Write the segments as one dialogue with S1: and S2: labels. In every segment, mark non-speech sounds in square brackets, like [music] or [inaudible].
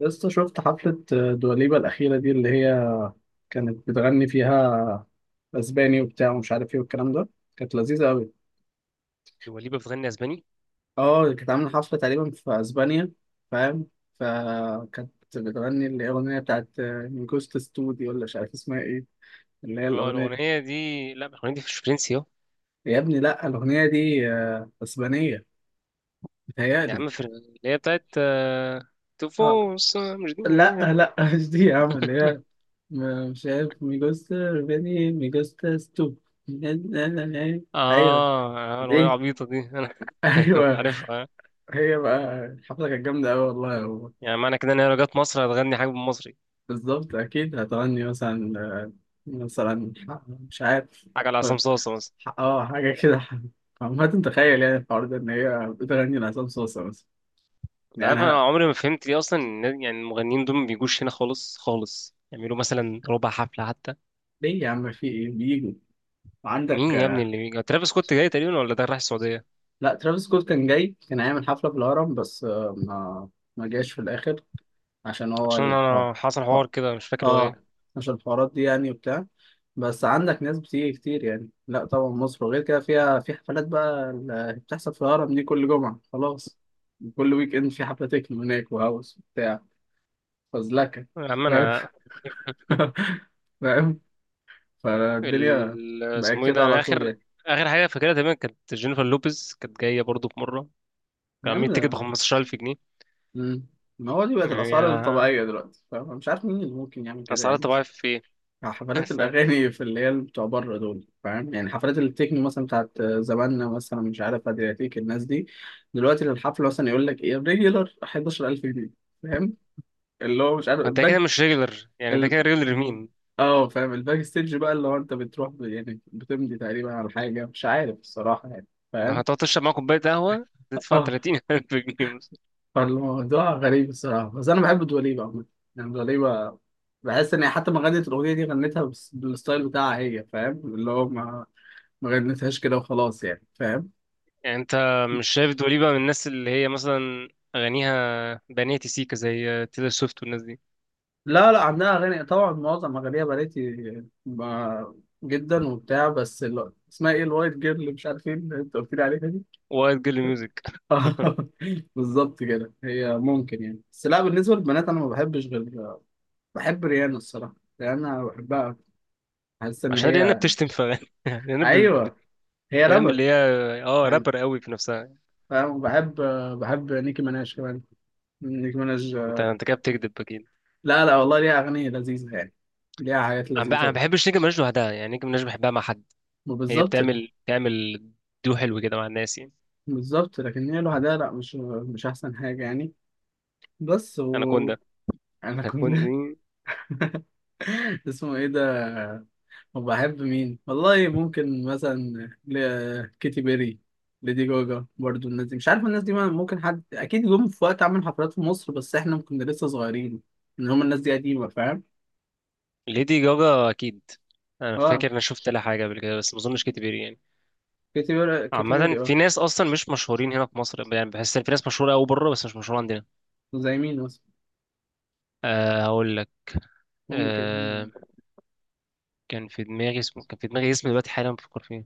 S1: لسه شفت حفلة دواليبا الأخيرة دي، اللي هي كانت بتغني فيها أسباني وبتاع ومش عارف إيه والكلام ده. كانت لذيذة أوي.
S2: دواليبا بتغني اسباني؟
S1: أه، كانت عاملة حفلة تقريبا في أسبانيا. فاهم؟ فكانت بتغني الأغنية بتاعت من جوست ستودي دي، ولا مش عارف اسمها إيه، اللي هي
S2: اه،
S1: الأغنية
S2: الاغنيه
S1: دي.
S2: دي. لا، الاغنيه دي مش فرنسي اه.
S1: يا ابني لأ، الأغنية دي أسبانية.
S2: يا
S1: متهيألي.
S2: عم، اللي هي بتاعت،
S1: أه.
S2: تفوس مش دي
S1: لأ
S2: إيه؟
S1: لأ [laughs] مش دي يا عم اللي هي مش عارف مي جوست بني مي جوست ستو [laughs]
S2: اه.
S1: ايوه.
S2: الاغنيه
S1: دي.
S2: العبيطه دي انا [laughs] أيوة،
S1: ايوه.
S2: عارفها.
S1: هي بقى الحفله كانت جامده قوي والله،
S2: آه.
S1: هو
S2: يعني معنى كده ان هي لو جت مصر هتغني حاجه بالمصري.
S1: بالظبط. اكيد هتغني مثلا مثلا مش عارف.
S2: حاجه على عصام صاصا مثلا.
S1: اه، حاجه كده. عمال تتخيل يعني الحوار ده ان هي بتغني لعصام صوصه مثلا.
S2: انت
S1: يعني
S2: عارف
S1: انا،
S2: انا عمري ما فهمت ليه اصلا، يعني المغنيين دول ما بيجوش هنا خالص خالص يعملوا مثلا ربع حفله حتى.
S1: ليه يا عم؟ في ايه؟ بيجوا عندك.
S2: مين يا ابني اللي بيجي؟ ترافيس سكوت جاي تقريبا، ولا ده رايح السعوديه؟
S1: لا، ترافيس سكوت كان جاي، كان هيعمل حفله في الهرم بس ما جاش في الاخر، عشان هو
S2: عشان
S1: ال... اه
S2: انا حصل حوار
S1: اه.
S2: كده، مش فاكر هو ايه.
S1: آه، عشان الحوارات دي يعني وبتاع، بس عندك ناس بتيجي كتير يعني. لا طبعا مصر وغير كده فيها، في حفلات بقى اللي بتحصل في الهرم دي كل جمعة خلاص. كل ويك اند في حفلة تكنو هناك وهاوس وبتاع. فزلكة.
S2: يا عم
S1: فاهم؟
S2: انا،
S1: [laughs] فاهم. فالدنيا بقت
S2: اسمه ايه
S1: كده
S2: ده،
S1: على
S2: انا
S1: طول
S2: اخر
S1: يعني.
S2: اخر حاجه فاكرها تقريبا كانت جينيفر لوبيز، كانت جايه برضو في مره. كان
S1: يا
S2: عاملين تيكت ب
S1: عم.
S2: 15,000 جنيه.
S1: مم. ما هو دي بقت
S2: يعني
S1: الأسعار الطبيعية دلوقتي. فاهم؟ أنا مش عارف مين اللي ممكن يعمل كده
S2: اسعار
S1: يعني.
S2: طبيعيه في ايه؟ [laughs]
S1: حفلات
S2: ف-
S1: الأغاني في اللي هي بتوع بره دول. فاهم يعني؟ حفلات التكنو مثلا بتاعت زماننا، مثلا مش عارف أدرياتيك الناس دي، دلوقتي للحفلة مثلا يقول لك إيه ريجولار 11,000 جنيه. فاهم؟ اللي هو مش عارف
S2: انت كده
S1: الباك.
S2: مش ريجولر؟ يعني انت
S1: ال...
S2: كده ريجولر مين؟
S1: اه فاهم؟ الباك ستيج بقى اللي هو أنت بتروح يعني بتمضي تقريبا على حاجة مش عارف الصراحة يعني.
S2: لو
S1: فاهم؟
S2: هتقعد تشرب معاه كوبايه قهوه
S1: [laughs]
S2: تدفع
S1: اه.
S2: 30,000 جنيه مثلا.
S1: فالموضوع غريب الصراحة، بس أنا بحب دواليبة عموما. يعني دواليبة بحس ان هي حتى ما غنت الاغنيه دي غنتها بالستايل بتاعها هي. فاهم؟ اللي هو ما غنتهاش كده وخلاص يعني. فاهم؟
S2: يعني انت مش شايف دوليبة من الناس اللي هي مثلا اغانيها بنية سيكا زي تيلر سويفت والناس دي؟
S1: لا لا، عندها اغاني طبعا، معظم اغانيها بناتي ب- جدا وبتاع، بس اسمها ايه، الوايت جيرل اللي مش عارف ايه اللي انت قلت لي عليها دي.
S2: وايت جيرل ميوزك.
S1: [laughs] آه، بالظبط كده. هي ممكن يعني، بس لا بالنسبه للبنات انا ما بحبش غير، بحب ريانا الصراحه. ريانا بحبها. حاسس ان
S2: عشان ريانا
S1: هي،
S2: بتشتم في اغاني. [laughs] ريانا
S1: ايوه، هي
S2: فاهم
S1: رابر
S2: اللي هي، اه،
S1: يعني.
S2: رابر قوي في نفسها.
S1: فاهم؟ بحب، بحب نيكي مناش كمان. نيكي مناش.
S2: انت كده بتكذب اكيد.
S1: لا لا والله، ليها اغاني لذيذه يعني. ليها حاجات
S2: انا، انا ما
S1: لذيذه.
S2: بحبش نيجي مناش لوحدها، يعني نيجي مناش بحبها مع حد. هي
S1: وبالظبط.
S2: بتعمل دو حلو كده مع الناس يعني.
S1: بالظبط، لكن هي لوحدها لا، مش مش احسن حاجه يعني. بس
S2: انا كوندا.
S1: انا
S2: انا
S1: كنت.
S2: كوندا دي.
S1: [laughs] اسمه ايه ده؟ وبحب مين والله، ممكن مثلا ل... كيتي بيري، ليدي جوجا برضو. الناس دي مش عارف، الناس دي ممكن حد اكيد جم في وقت عمل حفلات في مصر، بس احنا كنا لسه صغيرين، ان هم الناس دي قديمه. فاهم؟
S2: ليدي جاجا اكيد. انا
S1: اه،
S2: فاكر انا شفت لها حاجه قبل كده، بس ما اظنش كتير يعني.
S1: كيتي بيري، كيتي
S2: عامه
S1: بيري
S2: في
S1: اه.
S2: ناس اصلا مش مشهورين هنا في مصر، يعني بحس ان في ناس مشهوره قوي بره بس مش مشهوره عندنا.
S1: زي مين مثلا؟
S2: أه، هقول لك.
S1: ممكن.
S2: أه، كان في دماغي اسم دلوقتي، حالا بفكر فيه.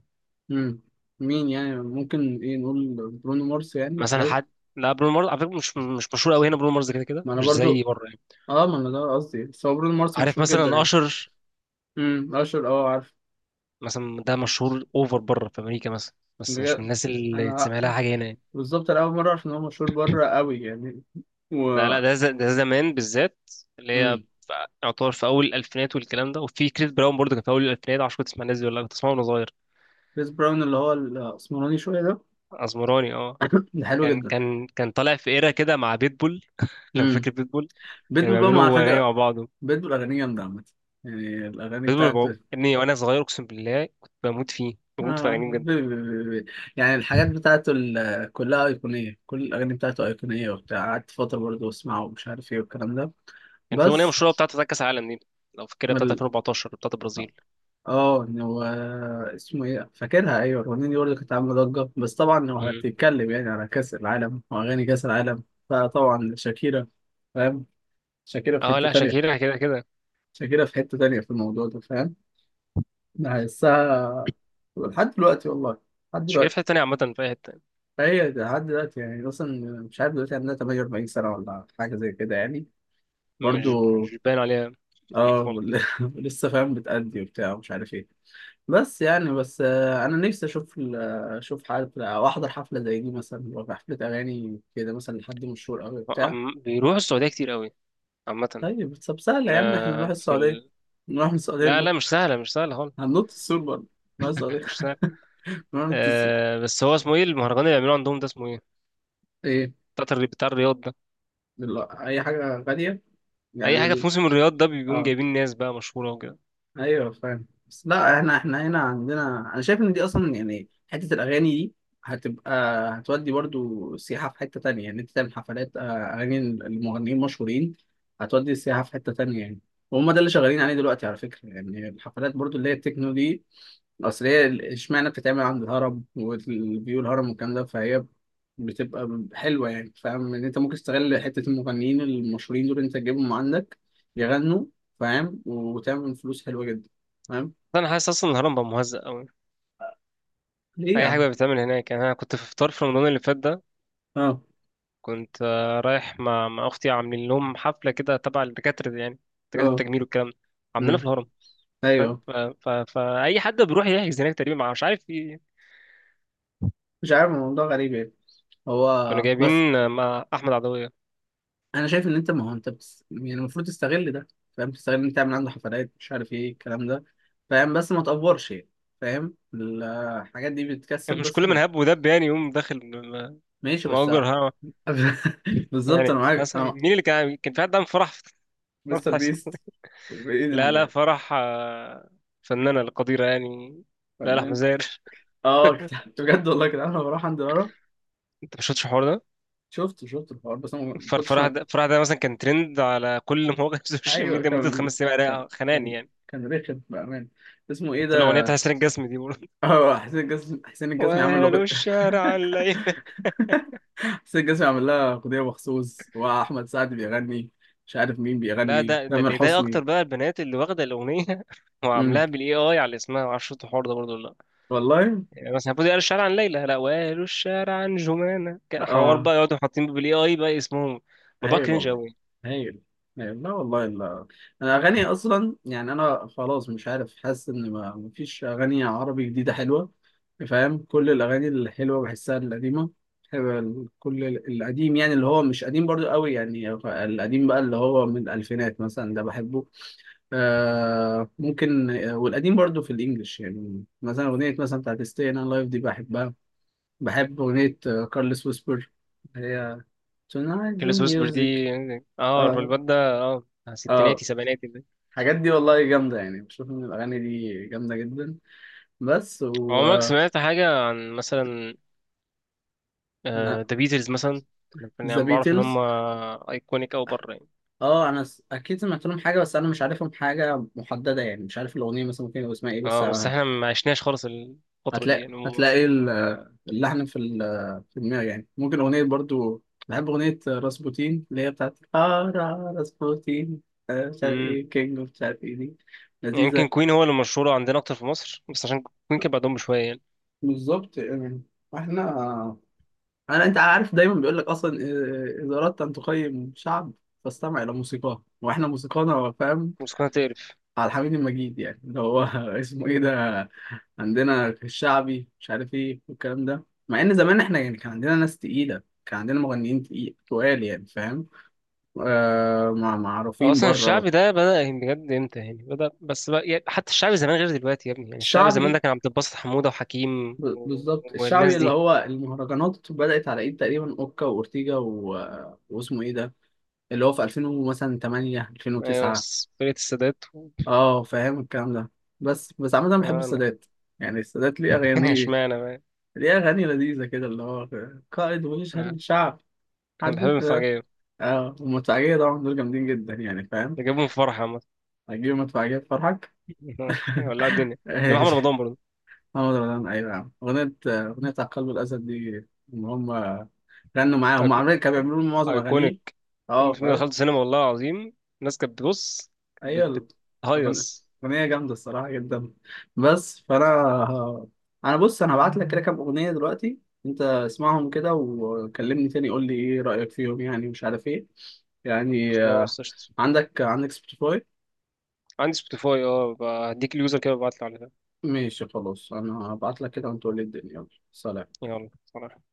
S1: مم. مين يعني ممكن؟ ايه، نقول برونو مارس، يعني
S2: مثلا
S1: هل؟
S2: حد. لا، برونو مارس على فكره مش مشهور قوي هنا، برونو مارس كده كده
S1: ما انا
S2: مش
S1: برضو.
S2: زي بره يعني.
S1: اه، ما انا ده قصدي، بس هو برونو مارس
S2: عارف
S1: مشهور جدا
S2: مثلا
S1: يعني.
S2: اشر،
S1: اشهر، اه، عارف.
S2: مثلا ده مشهور اوفر بره في امريكا مثلا، بس مش من
S1: بجد؟
S2: الناس اللي
S1: انا
S2: تسمع لها حاجه هنا يعني.
S1: بالظبط، انا اول مره اعرف ان هو مشهور بره قوي يعني.
S2: لا
S1: و.
S2: لا، ده ده زمان بالذات، اللي هي
S1: امم
S2: يعتبر في اول الالفينات والكلام ده، وفي كريس براون برضه كان في اول الالفينات. عشان كنت تسمع الناس دي ولا لأ، كنت اسمعه وانا صغير.
S1: كريس براون اللي هو الاسمراني شويه ده.
S2: اسمراني
S1: [coughs]
S2: اه.
S1: [laughs] ده حلو
S2: كان
S1: جدا.
S2: كان كان طالع في ايرا كده مع بيتبول. [laughs] لو
S1: امم
S2: فاكر بيتبول. كانوا
S1: بيتبول بقى على
S2: بيعملوا اغاني مع
S1: فكره.
S2: بعض.
S1: بيتبول اغانيه جامده عامه. يعني الاغاني بتاعته
S2: ابني وانا صغير اقسم بالله كنت بموت فيه، بموت في
S1: آه.
S2: اغانيه بجد.
S1: بي- بي- بي- بي. يعني الحاجات بتاعته كلها ايقونيه. كل الاغاني بتاعته ايقونيه وبتاع. قعدت فتره برضه اسمعه ومش عارف ايه والكلام ده.
S2: كان في اغنيه
S1: بس
S2: مشهوره بتاعته بتاعت كاس العالم دي، لو فاكرها بتاعت
S1: ال...
S2: 2014 بتاعت البرازيل.
S1: اه إن هو، اسمه ايه، فاكرها. ايوه، الاغنيه دي برضه كانت عامله ضجه، بس طبعا لو
S2: مم.
S1: هتتكلم يعني على كاس العالم واغاني كاس العالم، فطبعا شاكيرا. فاهم؟ شاكيرا في
S2: اه،
S1: حته
S2: لا،
S1: تانية.
S2: شاكيرا كده كده.
S1: شاكيرا في حته تانية في الموضوع ده. فاهم؟ انا هحسها لحد دلوقتي والله، لحد
S2: تشكيلة في حتة
S1: دلوقتي.
S2: تانية عامة في أي حتة.
S1: فهي لحد دلوقتي يعني اصلا، مش عارف دلوقتي عندها 48 سنه ولا حاجه زي كده يعني
S2: مش
S1: برضه.
S2: مش باين عليها
S1: اه.
S2: خالص.
S1: [laughs] لسه فاهم بتأدي وبتاع ومش عارف ايه، بس يعني بس انا نفسي اشوف اشوف حفله او احضر حفله زي دي مثلا، لو في حفله اغاني كده مثلا لحد مشهور قوي بتاع.
S2: بيروحوا السعودية كتير قوي عامة.
S1: طيب، طب سهله يا عم، احنا
S2: آه،
S1: نروح
S2: في
S1: السعوديه،
S2: ال...
S1: نروح من السعوديه
S2: لا
S1: ننط.
S2: لا، مش سهلة، مش سهلة خالص.
S1: هننط السور برضه؟ نروح
S2: [laughs]
S1: السعوديه
S2: مش
S1: [laughs]
S2: سهلة.
S1: نروح ننط السور.
S2: بس هو اسمه ايه المهرجان اللي بيعملوه عندهم ده، اسمه ايه؟
S1: ايه؟
S2: بتاع بتاع الرياض ده.
S1: لا، اي حاجه غاليه.
S2: أي
S1: يعني
S2: حاجة في
S1: ال...
S2: موسم الرياض ده بيقوم
S1: اه
S2: جايبين ناس بقى مشهورة وكده.
S1: ايوه فاهم. بس لا، احنا احنا هنا عندنا، انا شايف ان دي اصلا يعني حته الاغاني دي هتبقى، هتودي برضو سياحه في حته تانية. يعني انت تعمل حفلات اغاني المغنيين المشهورين، هتودي السياحه في حته تانية يعني. وهم ده اللي شغالين عليه دلوقتي على فكره، يعني الحفلات برضو اللي هي التكنو دي اصل هي اشمعنى بتتعمل عند الهرم والفيو الهرم والكلام ده، فهي بتبقى حلوه يعني. فاهم ان انت ممكن تستغل حته المغنيين المشهورين دول، انت تجيبهم عندك يغنوا. فاهم؟ وتعمل فلوس حلوه جدا. فاهم؟
S2: أنا حاسس أصلا الهرم بقى مهزأ قوي.
S1: ليه يا
S2: أي حاجة
S1: عم؟
S2: بقى بتتعمل هناك، يعني أنا كنت في فطار في رمضان اللي فات ده.
S1: اه.
S2: كنت رايح مع أختي، عاملين لهم حفلة كده تبع الدكاترة دي يعني، دكاترة
S1: اه.
S2: التجميل والكلام ده. عاملينها في
S1: امم
S2: الهرم.
S1: ايوه.
S2: فأي حد بيروح يحجز هناك تقريبا، مع مش عارف في.
S1: مش عارف، الموضوع غريب يعني.
S2: كانوا
S1: هو
S2: جايبين
S1: بس،
S2: مع أحمد عدوية.
S1: انا شايف ان انت، ما هو انت بس يعني المفروض تستغل ده. فاهم؟ تستغل ان انت تعمل عنده حفلات مش عارف ايه الكلام ده. فاهم؟ بس ما تقفرش يعني. فاهم؟ الحاجات دي بتكسب
S2: يعني مش
S1: بس
S2: كل من
S1: ما...
S2: هب ودب يعني يقوم داخل،
S1: ماشي بس.
S2: مؤجر، ها.
S1: [laughs] بالظبط
S2: يعني
S1: انا معاك
S2: مثلا
S1: اه.
S2: مين اللي كان في حد عامل فرح [laughs] فرح
S1: مستر
S2: اسمه؟
S1: بيست. مين؟
S2: لا لا، فرح، فنانة القديرة يعني. لا لا، أحمد
S1: الفنان.
S2: زاهر.
S1: اه، كنت بجد والله كده انا بروح عند لارا.
S2: [laughs] أنت ما شفتش الحوار ده؟
S1: شفت الحوار بس انا ما كنتش.
S2: فرح ده، فرح ده مثلا كان ترند على كل مواقع [laughs] السوشيال
S1: ايوه
S2: ميديا مدة
S1: كان،
S2: خمس
S1: كان
S2: أيام خناني
S1: كان
S2: يعني.
S1: كان رخم بامان. اسمه ايه
S2: قلت له أغنية
S1: ده؟
S2: بتاع حسين الجسمي دي بقول
S1: [laughs] اه، حسين الجسمي، حسين
S2: [laughs]
S1: الجسمي عامل له.
S2: وهلو الشارع الليل.
S1: [laughs] حسين الجسمي عامل لها اغنيه مخصوص، واحمد سعد بيغني، مش عارف مين
S2: لا،
S1: بيغني،
S2: ده
S1: تامر
S2: اللي يضايق
S1: حسني.
S2: اكتر بقى، البنات اللي واخده الاغنيه [laughs]
S1: امم
S2: وعاملاها بالاي اي على اسمها، ما اعرفش الحوار ده برضه ولا لا.
S1: والله.
S2: يعني مثلا المفروض قالوا الشارع عن ليلى، لا، وقالوا الشارع عن جمانه، حوار
S1: اه.
S2: بقى يقعدوا حاطين بالاي اي بقى اسمهم. موضوع
S1: هايل
S2: كرنج
S1: والله.
S2: قوي.
S1: هايل. هايل. لا والله، لا. انا اغاني اصلا يعني انا خلاص مش عارف، حاسس ان ما مفيش اغاني عربي جديده حلوه. فاهم؟ كل الاغاني الحلوه بحسها القديمه. حلوة كل القديم يعني، اللي هو مش قديم برضو قوي يعني، القديم بقى اللي هو من الالفينات مثلا ده بحبه. آه ممكن والقديم برضو في الانجليش يعني مثلا اغنيه مثلا بتاعت ستي انا لايف دي بحبها. بحب اغنيه كارلس ويسبر، هي Tonight's the
S2: كيلو ويسبر دي.
S1: music.
S2: اه،
S1: اه.
S2: الواد ده. اه.
S1: اه.
S2: ستيناتي سبعيناتي ده.
S1: الحاجات دي والله جامدة يعني. بشوف ان الاغاني دي جامدة جدا. بس و،
S2: عمرك سمعت حاجه عن مثلا ذا بيتلز مثلا؟
S1: ذا
S2: يعني بعرف ان هم
S1: بيتلز،
S2: ايكونيك او بره يعني.
S1: اه انا اكيد سمعت لهم حاجة بس انا مش عارفهم حاجة محددة يعني، مش عارف الاغنية مثلا ممكن يبقى اسمها ايه بس.
S2: اه، بس احنا ما عشناش خالص الفتره دي
S1: هتلاقي
S2: يعني هم.
S1: هتلاقي اللحن في في دماغي يعني. ممكن اغنية برضو بحب، اغنية راسبوتين اللي هي بتاعت، اه راسبوتين. مش عارف ايه كينج مش عارف ايه دي.
S2: يعني يمكن
S1: لذيذة.
S2: كوين هو اللي مشهور عندنا اكتر في مصر، بس عشان كوين كان بعدهم بشويه يعني.
S1: بالظبط يعني. احنا، انا، انت عارف دايما بيقول لك اصلا اذا اردت ان تقيم شعب فاستمع الى موسيقاه، واحنا موسيقانا، فاهم،
S2: بس كنا تقرف.
S1: على الحميد المجيد يعني اللي هو [laughs] اسمه ايه ده؟ عندنا الشعبي مش عارف ايه والكلام ده. مع ان زمان احنا يعني كان عندنا ناس تقيله، كان عندنا مغنيين تقيل تقال يعني. فاهم؟ آه،
S2: هو
S1: معروفين
S2: اصلا الشعب
S1: بره.
S2: ده بدأ يعني بجد امتى؟ يعني بدأ بس بقى يعني، حتى الشعب زمان غير دلوقتي يا ابني، يعني الشعب زمان ده
S1: الشعبي،
S2: كان عبد الباسط حمودة وحكيم و...
S1: بالظبط الشعبي
S2: والناس
S1: اللي
S2: دي.
S1: هو المهرجانات بدأت على ايد تقريبا اوكا واورتيجا واسمه ايه ده، اللي هو في 2000 مثلا 8
S2: ايوه،
S1: 2009.
S2: بس فرقة السادات و...
S1: اه، فاهم الكلام ده. بس عامة بحب
S2: انا
S1: السادات. يعني السادات ليه
S2: [laughs]
S1: أغاني،
S2: اشمعنى بقى.
S1: ليه أغاني لذيذة كده اللي هو قائد ويشهد
S2: آه،
S1: للشعب
S2: انا بحب
S1: حد.
S2: المفاجأة.
S1: اه، والمدفعية طبعا دول جامدين جدا يعني. فاهم؟
S2: اللي جابهم في فرح عامة.
S1: هتجيب مدفعية تفرحك.
S2: [laughs] ولع
S1: [laughs]
S2: الدنيا. جاب محمد
S1: ماشي.
S2: رمضان برضه.
S1: محمد رمضان، أيوة يا عم، أغنية، أغنية على قلب الأسد دي، إن هم غنوا معاه، هم
S2: أيكو-
S1: عاملين كانوا بيعملوا معظم أغانيه.
S2: ايكونيك.
S1: اه.
S2: الفيلم ده دخلت سينما والله العظيم. الناس كانت بتبص، كانت
S1: ايوه. الأغن-
S2: بتهيص.
S1: اغنيه جامده الصراحه جدا. بس فانا، انا بص انا هبعت لك كده كام اغنيه دلوقتي، انت اسمعهم كده وكلمني تاني، قول لي ايه رايك فيهم يعني مش عارف ايه، يعني
S2: خلاص قشطة.
S1: عندك سبوتيفاي؟
S2: عندي سبوتيفاي اه، بقى هديك اليوزر كده وابعتلي عليها.
S1: ماشي، خلاص، انا هبعت لك كده وانت قول لي الدنيا. يلا سلام.
S2: يلا سلام.